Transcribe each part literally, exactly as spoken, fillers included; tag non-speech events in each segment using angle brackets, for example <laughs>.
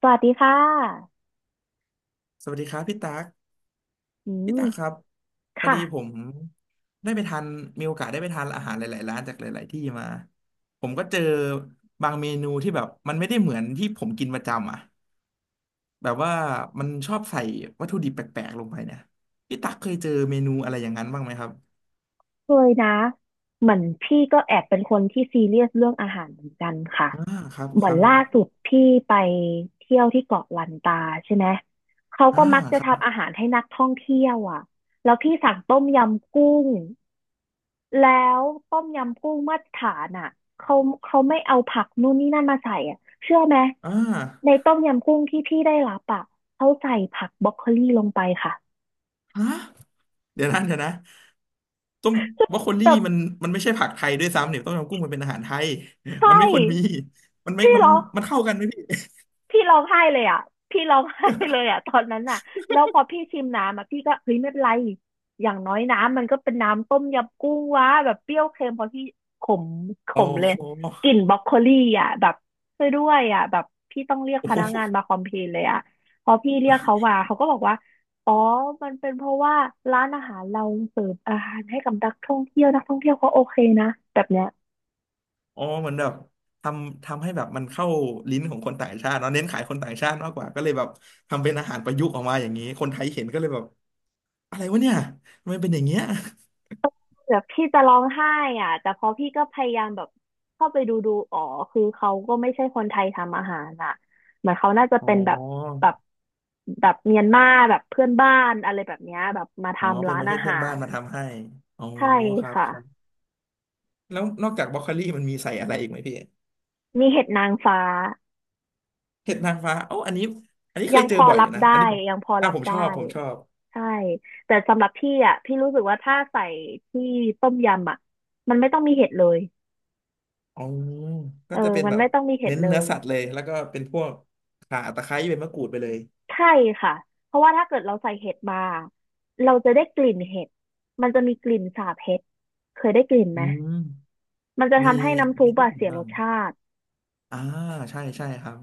สวัสดีค่ะสวัสดีครับพี่ตั๊กอืพี่มตั๊กครับพอค่ะดีผมได้ไปทานมีโอกาสได้ไปทานอาหารหลายๆร้านจากหลายๆที่มาผมก็เจอบางเมนูที่แบบมันไม่ได้เหมือนที่ผมกินประจำอ่ะแบบว่ามันชอบใส่วัตถุดิบแปลกๆลงไปเนี่ยพี่ตั๊กเคยเจอเมนูอะไรอย่างนั้นบ้างไหมครับเคยนะเหมือนพี่ก็แอบเป็นคนที่ซีเรียสเรื่องอาหารเหมือนกันค่ะอ่าครับเหคมือรันบผล่ามสุดพี่ไปเที่ยวที่เกาะลันตาใช่ไหมเขาอ่าก็มักจะครับทำอาหารให้นักท่องเที่ยวอ่ะแล้วพี่สั่งต้มยำกุ้งแล้วต้มยำกุ้งมาตรฐานอ่ะเขาเขาไม่เอาผักนู่นนี่นั่นมาใส่อ่ะเชื่อไหมอ่าในต้มยำกุ้งที่พี่ได้รับอ่ะเขาใส่ผักบรอกโคลีลงไปค่ะฮะ เดี๋ยวนะเดี๋ยวนะต้มบรอกโคลี่แบบมันมันไม่ใช่ผักไทยด้วยซ้ำเนี่ยต้มยำกุ้งมันเป็นอาหารไทยมัใช่ นไม่ควรมีมันไม่พี่มันร้องมันเข้ากันไหมพี่พี่ร้องไห้เลยอ่ะพี่ร้องไห้เลยอ่ะตอนนั้นอ่ะแล้วพอพี่ชิมน้ำอ่ะพี่ก็เฮ้ยไม่เป็นไรอย่างน้อยน้ำมันก็เป็นน้ำต้มยำกุ้งวะแบบเปรี้ยวเค็มพอพี่ขมขโอ้มเลยโหกลิ่นบรอกโคลี่อ่ะแบบช่วยด้วยอ่ะแบบพี่ต้องเรียกโอ้พโหนักงานมาคอมเพลนเลยอ่ะพอพี่เรียกเขามาเขาก็บอกว่าอ๋อมันเป็นเพราะว่าร้านอาหารเราเสิร์ฟอาหารให้กับนักท่องเที่ยวนักท่องเที่ยวเขาโอเคนะแบบเนี้ย อ๋อเหมือนแบบทำทำให้แบบมันเข้าลิ้นของคนต่างชาติเนาะเน้นขายคนต่างชาติมากกว่าก็เลยแบบทำเป็นอาหารประยุกต์ออกมาอย่างนี้คนไทยเห็นก็เลยแบบอะไรวะเนี่ยทำไมเป็นอย่างเงี้ยแบบพี่จะร้องไห้อ่ะแต่พอพี่ก็พยายามแบบเข้าไปดูดูอ๋อคือเขาก็ไม่ใช่คนไทยทำอาหารอ่ะเหมือนเขาน่าจะอ๋อเป็นแบบแบบแบบเมียนมาแบบเพื่อนบ้านอะไรแบบเนี้ยแบบมาอ๋อทำเป็นร้าปนระเทอาศเพื่อหานบ้านรมาทำให้อ๋อใช่ครับค่ะครับแล้วนอกจากบรอกโคลี่มันมีใส่อะไรอีกไหมพี่ มีเห็ดนางฟ้าเห็ดนางฟ้าโอ้าอันนี้อันนี้เคยัยงเจพออบ่อยอรัยู่บนะได้อันนี้ผมยังพออ่ารับผมชได้อบผมชอบใช่แต่สำหรับพี่อ่ะพี่รู้สึกว่าถ้าใส่ที่ต้มยำอ่ะมันไม่ต้องมีเห็ดเลยอ๋อก็เอจะอเป็นมันแบบไม่ต้องมีเห็ดเน้นเลเนื้อย สัตว์เลยแล้วก็เป็นพวกข่าตะไคร้เป็นมะกรูดไปเลยใช่ค่ะ เพราะว่าถ้าเกิดเราใส่เห็ดมาเราจะได้กลิ่นเห็ด มันจะมีกลิ่นสาบเห็ด เคยได้กลิ่นอืไหมมมันจะมีทำให้น้ำซุมีปได้อะกินเสียรบ้างสชาติ อ่าใช่ใช่ครับ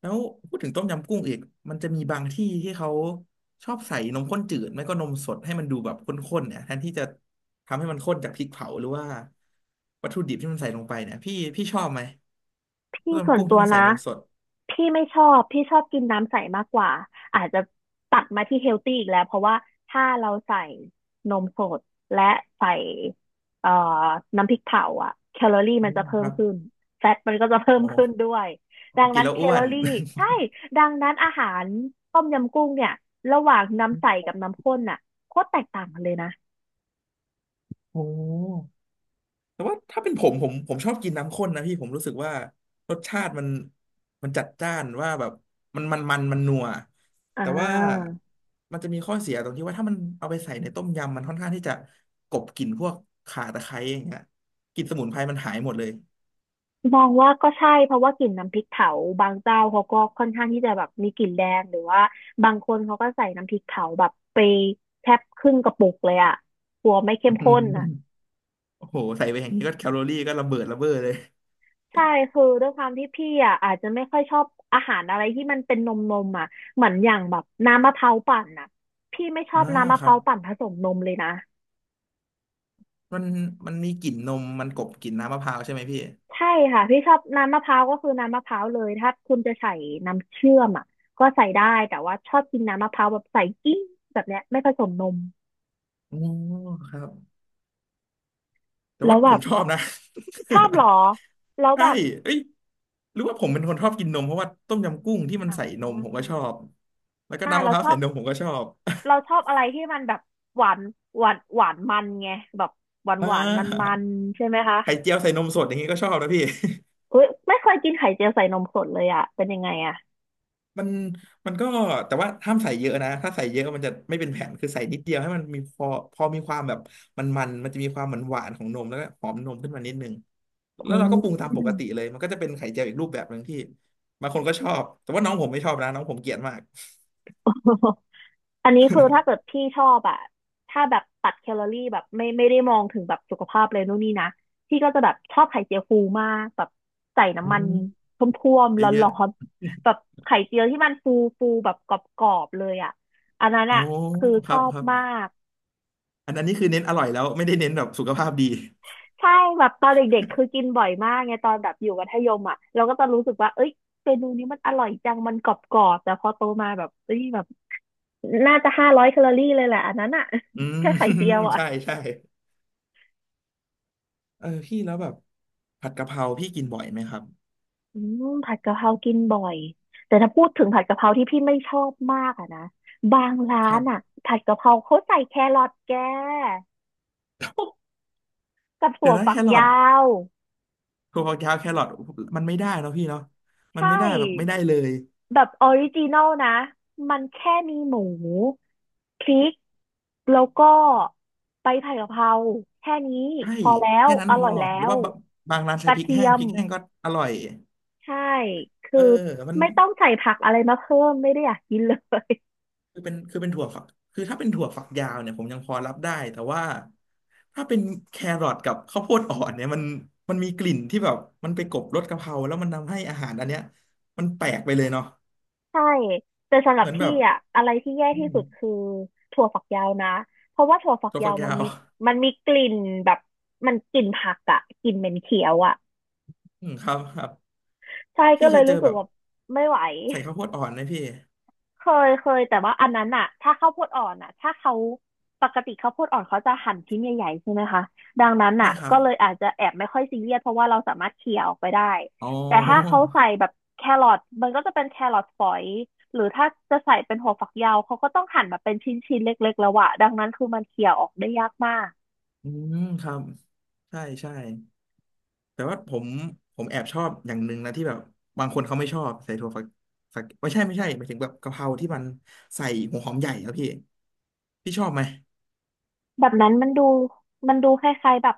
แล้วพูดถึงต้มยำกุ้งอีกมันจะมีบางที่ที่เขาชอบใส่นมข้นจืดไม่ก็นมสดให้มันดูแบบข้นๆเนี่ยแทนที่จะทำให้มันข้นจากพริกเผาหรือว่าวัตถุดิบที่มันใส่ลงไปเนี่ยพี่พี่ชอบไหมต้พี่มส่ยำวนกุ้งตัที่วมันใส่นะนมสดพี่ไม่ชอบพี่ชอบกินน้ำใสมากกว่าอาจจะตัดมาที่เฮลตี้อีกแล้วเพราะว่าถ้าเราใส่นมสดและใส่เอ่อน้ำพริกเผาอะแคลอรี่อืมันมจะเพิ่คมรับ ขึ้นแฟตมันก็จะเพิ่โอมขึ้นด้้วยโอ้ดังกินนั้นแล้วแคอ้วลอน รี่ใช่ดังนั้นอาหารต้มยำกุ้งเนี่ยระหว่างน้ำใสกั <laughs> บน้ำข้นน่ะโคตรแตกต่างกันเลยนะโอ้แต่ว่าถ้าเป็นผมผมผมชอบกินน้ำข้นนะพี่ผมรู้สึกว่ารสชาติมันมันจัดจ้านว่าแบบมันมันมันมันนัวอ่แต่ว่าา มันจะมีข้อเสียตรงที่ว่าถ้ามันเอาไปใส่ในต้มยำมันค่อนข้างที่จะกลบกลิ่นพวกข่าตะไคร้อย่างเงี้ยกลิ่นสมุนไพรมันหายหมดเลยมองว่าก็ใช่เพราะว่ากลิ่นน้ำพริกเผาบางเจ้าเขาก็ค่อนข้างที่จะแบบมีกลิ่นแรงหรือว่าบางคนเขาก็ใส่น้ำพริกเผาแบบไปแทบครึ่งกระปุกเลยอ่ะกลัวไม่เข้อืมข้นอ่ะมโอ้โหใส่ไปอย่างนี้ก็แคลอรี่ก็ระเบิดระเบ้อเลยใช่คือด้วยความที่พี่อ่ะอาจจะไม่ค่อยชอบอาหารอะไรที่มันเป็นนมนมอ่ะเหมือนอย่างแบบน้ำมะพร้าวปั่นอ่ะพี่ไม่ชออ่าบน้ำมะคพรัร้าบวปั่นผสมนมเลยนะ มันมันมีกลิ่นนมมันกลบกลิ่นน้ำมะพร้าวใช่ไหมพี่ใช่ค่ะพี่ชอบน้ำมะพร้าวก็คือน้ำมะพร้าวเลยถ้าคุณจะใส่น้ำเชื่อมอ่ะก็ใส่ได้แต่ว่าชอบกินน้ำมะพร้าวแบบใส่กิ้งแบบเนี้ยไม่ผสมนมโอ้ครับ แต่แล้ว่าวแบผมบชอบนะ ชอบเหร <laughs> อแล้วใช่แบบเอ้ยหรือว่าผมเป็นคนชอบกินนมเพราะว่าต้มยำกุ้งที่มันอ่ใส่นมผมก็าชอบแล้วก็อ่าน้ำมะเราพร้าวชอใส่บนมผมก็ชอบ เราชอบอะไรที่มันแบบหวานหวานหวานมันไงแบบหวาน <laughs> อ่หวานมันมัานๆใช่ไหมคะไข่เจียวใส่นมสดอย่างนี้ก็ชอบนะพี่ <laughs> เฮ้ยไม่เคยกินไข่เจียวใส่นมสดเลยอ่ะเป็นยังไงอ่ะมันมันก็แต่ว่าห้ามใส่เยอะนะถ้าใส่เยอะมันจะไม่เป็นแผ่นคือใส่นิดเดียวให้มันมีพอพอมีความแบบมันมันมันจะมีความหวานหวานของนมแล้วก็หอมนมขึ้นมานิดนึงแล้อืวเราก็ปรุงม ตามปกติเลยมันก็จะเป็นไข่เจียวอีกรูปแบบหนึ่งที่บางคนก็ชอบแต่ว่าน้องผมไม่ชอบนะน้องผมเกลียดมาก อันนี้คือถ้าเกิดพี่ชอบอะถ้าแบบตัดแคลอรี่แบบไม่ไม่ได้มองถึงแบบสุขภาพเลยนู่นนี่นะพี่ก็จะแบบชอบไข่เจียวฟูมากแบบใส่อืน้ำมันมท่วมๆเยร้อะอนๆแบบไข่เจียวที่มันฟูฟูแบบกรอบๆเลยอะอันนั้ๆนโอ้อะคือคชรัอบบครับมากอันอันนี้คือเน้นอร่อยแล้วไม่ได้เน้นแบบสุขภาพดีใช่แบบตอนเด็กๆคือกินบ่อยมากไงตอนแบบอยู่มัธยมอ่ะเราก็จะรู้สึกว่าเอ้ยเมนูนี้มันอร่อยจังมันกรอบๆแต่พอโตมาแบบเอ้ยแบบน่าจะห้าร้อยแคลอรี่เลยแหละอันนั้นอ่ะ <laughs> อืม แค่ไข่เจียว <laughs> อ่ะ ใช่ใช่เออพี่แล้วแบบผัดกะเพราพี่กินบ่อยไหมครับอืมผัดกะเพรากินบ่อยแต่ถ้าพูดถึงผัดกะเพราที่พี่ไม่ชอบมากอะนะบางร้าครันบ อะผัดกะเพราเขาใส่แครอทแก <laughs> กับถั่เดี๋ยววนะฝัแคกรอทยาวถั่วฝักยาวแครอทมันไม่ได้เนอะพี่เนาะใชมันไม่ได้แบบไม่่ได้เลยแบบออริจินอลนะมันแค่มีหมูพริกแล้วก็ใบผัดกะเพราแค่นี้ใช่พอแล้วแค่นั้นอพร่ออยแล้หรือวว่าบางบางร้านกใช้ระพริกเทีแห้ยงพมริกแห้งก็อร่อยใช่เอคืออมัน ไม่ต้องใส่ผักอะไรมาเพิ่มไม่ได้อยากกินเลย คือเป็นคือเป็นถั่วฝักคือถ้าเป็นถั่วฝักยาวเนี่ยผมยังพอรับได้แต่ว่าถ้าเป็นแครอทกับข้าวโพดอ่อนเนี่ยมันมันมีกลิ่นที่แบบมันไปกลบรสกะเพราแล้วมันทำให้อาหารอันเนี้ยมันแปลกไปเลยเนาะใช่แต่สำหรัเหบมือนแบพี่บอะอะไรที่แย่อืที่มสุดคือถั่วฝักยาวนะเพราะว่าถั่วฝักถั่วยาฝักวมัยานวมีมันมีกลิ่นแบบมันกลิ่นผักอะกลิ่นเหม็นเขียวอะอืมครับครับใช่ก็พี่เคเลยยเจอรู้สึแบกบว่าไม่ไหว ใส่ข้าวโพดอ่อนไหมพี่เคยเคยแต่ว่าอันนั้นอะถ้าข้าวโพดอ่อนอะถ้าเขาปกติข้าวโพดอ่อนเขาจะหั่นชิ้นใหญ่ๆใช่ไหมคะดังนั้นใช่อะครับก็เลยอาจจะแอบไม่ค่อยซีเรียสเพราะว่าเราสามารถเคี่ยออกไปได้อ๋อแต่ถ้าเขาใส่แบบแครอทมันก็จะเป็นแครอทฝอยหรือถ้าจะใส่เป็นหัวฝักยาวเขาก็ต้องหั่นแบบเป็นชิ้นๆเล็กๆแล้วอะดังนั้นคือมันเคี่ยออกได้ยากมากอืมครับใช่ใช่ แต่ว่าผมผมแอบชอบอย่างหนึ่งนะที่แบบบางคนเขาไม่ชอบใส่ถั่วฝักฝักไม่ใช่ไม่ใช่หมายถึงแบบกะเพราที่มันใส่หัวหอมใหญ่ครับพี่พี่ชอบไหม แบบนั้นมันดูมันดูคล้ายๆแบบ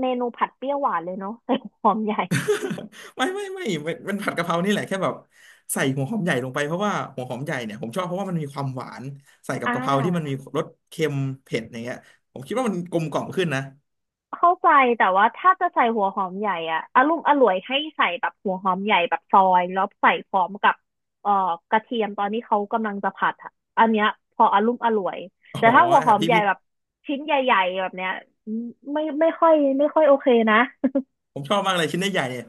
เมนูผัดเปรี้ยวหวานเลยเนาะใส่หอมใหญ่ <laughs> ไม่ไม่ไม่มันมันผัดกะเพรานี่แหละแค่แบบใส่หัวหอมใหญ่ลงไปเพราะว่าหัวหอมใหญ่เนี่ยผมชอบเพราะว่ามันมีความหวานใส่กับอ่กะเพราที่มันมีา รสเค็มเผ็ดอย่างเงี้ยผมคิดว่ามันกลมกล่อมขึ้นนะเข้าใจแต่ว่าถ้าจะใส่หัวหอมใหญ่อะอารมณ์อร่วยให้ใส่แบบหัวหอมใหญ่แบบซอยแล้วใส่พร้อมกับเอ่อกระเทียมตอนที่เขากำลังจะผัดอะอันเนี้ยพออารมณ์อร่วยอ๋อแต่ถ้าหัวหครัอบมพี่ใหญ่พี่แบบชิ้นใหญ่ๆแบบเนี้ยไม่ไม่ค่อยไม่ค่อยโอเคนะ ผมชอบมากเลยชิ้นใหญ่ๆเนี่ย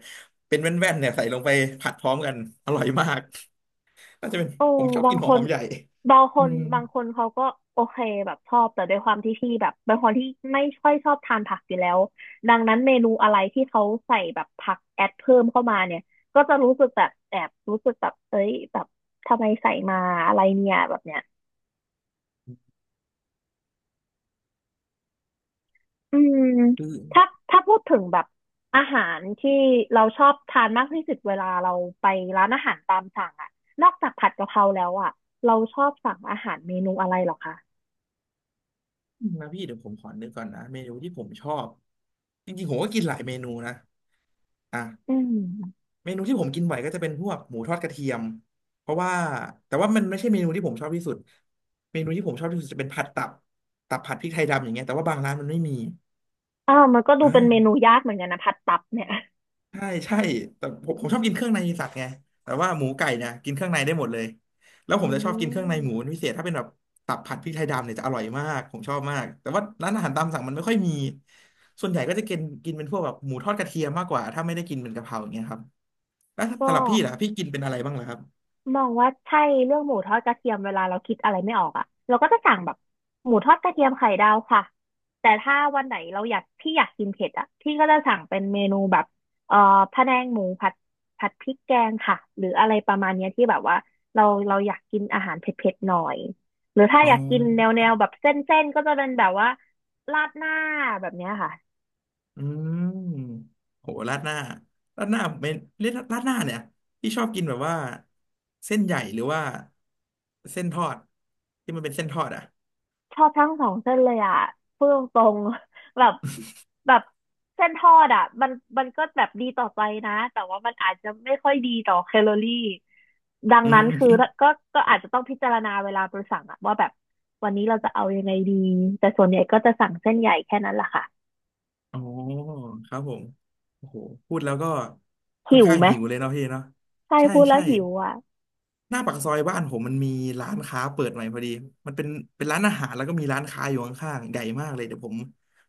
เป็นแว่นๆเนี่ยใส่ลงไปผัดพร้อมกันอร่อยมาก น่าจะเป็นโอ้ผมชอบบากิงนหัควหนอมใหญ่บางคอืนมบางคนเขาก็โอเคแบบชอบแต่ด้วยความที่พี่แบบเป็นคนที่ไม่ค่อยชอบทานผักอยู่แล้วดังนั้นเมนูอะไรที่เขาใส่แบบผักแอดเพิ่มเข้ามาเนี่ยก็จะรู้สึกแบบแอบรู้สึกแบบเอ้ยแบบทำไมใส่มาอะไรเนี่ยแบบเนี้ยอืมคือถ้าถ้าพูดถึงแบบอาหารที่เราชอบทานมากที่สุดเวลาเราไปร้านอาหารตามสั่งอะนอกจากผัดกะเพราแล้วอะเราชอบสั่งอาหารเมนูอะไรเหรอคะนะพี่เดี๋ยวผมขอนึกก่อนนะเมนูที่ผมชอบจริงๆผมก็กินหลายเมนูนะอ่ะอืม เมนูที่ผมกินบ่อยก็จะเป็นพวกหมูทอดกระเทียมเพราะว่าแต่ว่ามันไม่ใช่เมนูที่ผมชอบที่สุดเมนูที่ผมชอบที่สุดจะเป็นผัดตับตับผัดพริกไทยดำอย่างเงี้ยแต่ว่าบางร้านมันไม่มีอ้าวมันก็ดูเป็นเมอ่า นูยากเหมือนกันนะผัดตับเนี่ยใช่ใช่แต่ผมผมชอบกินเครื่องในสัตว์ไงแต่ว่าหมูไก่เนี่ยกินเครื่องในได้หมดเลยแล้วผอืมจะชอบกินเครื่องในหมูเป็มนพิเศษถ้าเป็นแบบตับผัดพริกไทยดำเนี่ยจะอร่อยมากผมชอบมากแต่ว่าร้านอาหารตามสั่งมันไม่ค่อยมีส่วนใหญ่ก็จะกินกินเป็นพวกแบบหมูทอดกระเทียมมากกว่าถ้าไม่ได้กินเป็นกะเพราอย่างเงี้ยครับแล้วก็สำหรับพี่ล่ะพี่กินเป็นอะไรบ้างเหรอครับมองว่าใช่เรื่องหมูทอดกระเทียมเวลาเราคิดอะไรไม่ออกอ่ะเราก็จะสั่งแบบหมูทอดกระเทียมไข่ดาวค่ะแต่ถ้าวันไหนเราอยากพี่อยากกินเผ็ดอ่ะพี่ก็จะสั่งเป็นเมนูแบบเอ่อพะแนงหมูผัดผัดพริกแกงค่ะหรืออะไรประมาณเนี้ยที่แบบว่าเราเราอยากกินอาหารเผ็ดๆหน่อยหรือถ้าอ๋อยากกินแนวอแนวแบบเส้นๆก็จะเป็นแบบว่าราดหน้าแบบเนี้ยค่ะ อืมโหราดหน้าราดหน้าเป็นเรียกราดหน้าเนี่ยพี่ชอบกินแบบว่าเส้นใหญ่หรือว่าเส้นทอดที่มันเป็นเส้นทอดอ่ะ ชอบทั้งสองเส้นเลยอ่ะพูดตรงๆ <laughs> แบบแบบเส้นทอดอ่ะมันมันก็แบบดีต่อใจนะ แต่ว่ามันอาจจะไม่ค่อยดีต่อแคลอรี่ ดังอืนั้นม คือ <laughs> ก็ก็อาจจะต้องพิจารณาเวลาไปสั่งอ่ะว่าแบบวันนี้เราจะเอายังไงดี แต่ส่วนใหญ่ก็จะสั่งเส้นใหญ่แค่นั้นแหละค่ะอ๋อครับผมโอ้โหพูดแล้วก็ค่อนหิวข้างไหมหิวเลยเนาะพี่เนาะใช่ใช่พูดแล้ใช่วหิวอ่ะหน้าปากซอยบ้านผมมันมีร้านค้าเปิดใหม่พอดีมันเป็นเป็นร้านอาหารแล้วก็มีร้านค้าอยู่ข้างๆใหญ่มากเลยเดี๋ยวผม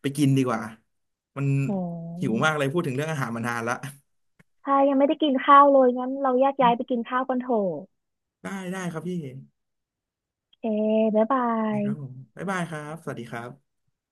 ไปกินดีกว่ามันโอ้หิวมากเลยพูดถึงเรื่องอาหารมานานละใช่ยังไม่ได้กินข้าวเลยงั้นเราแยกย้ายไปกินข้าวกันเถอะได้ได้ครับพี่โอเคบ๊ายบานี่ครับผยมบ๊ายบายครับสวัสดีครับ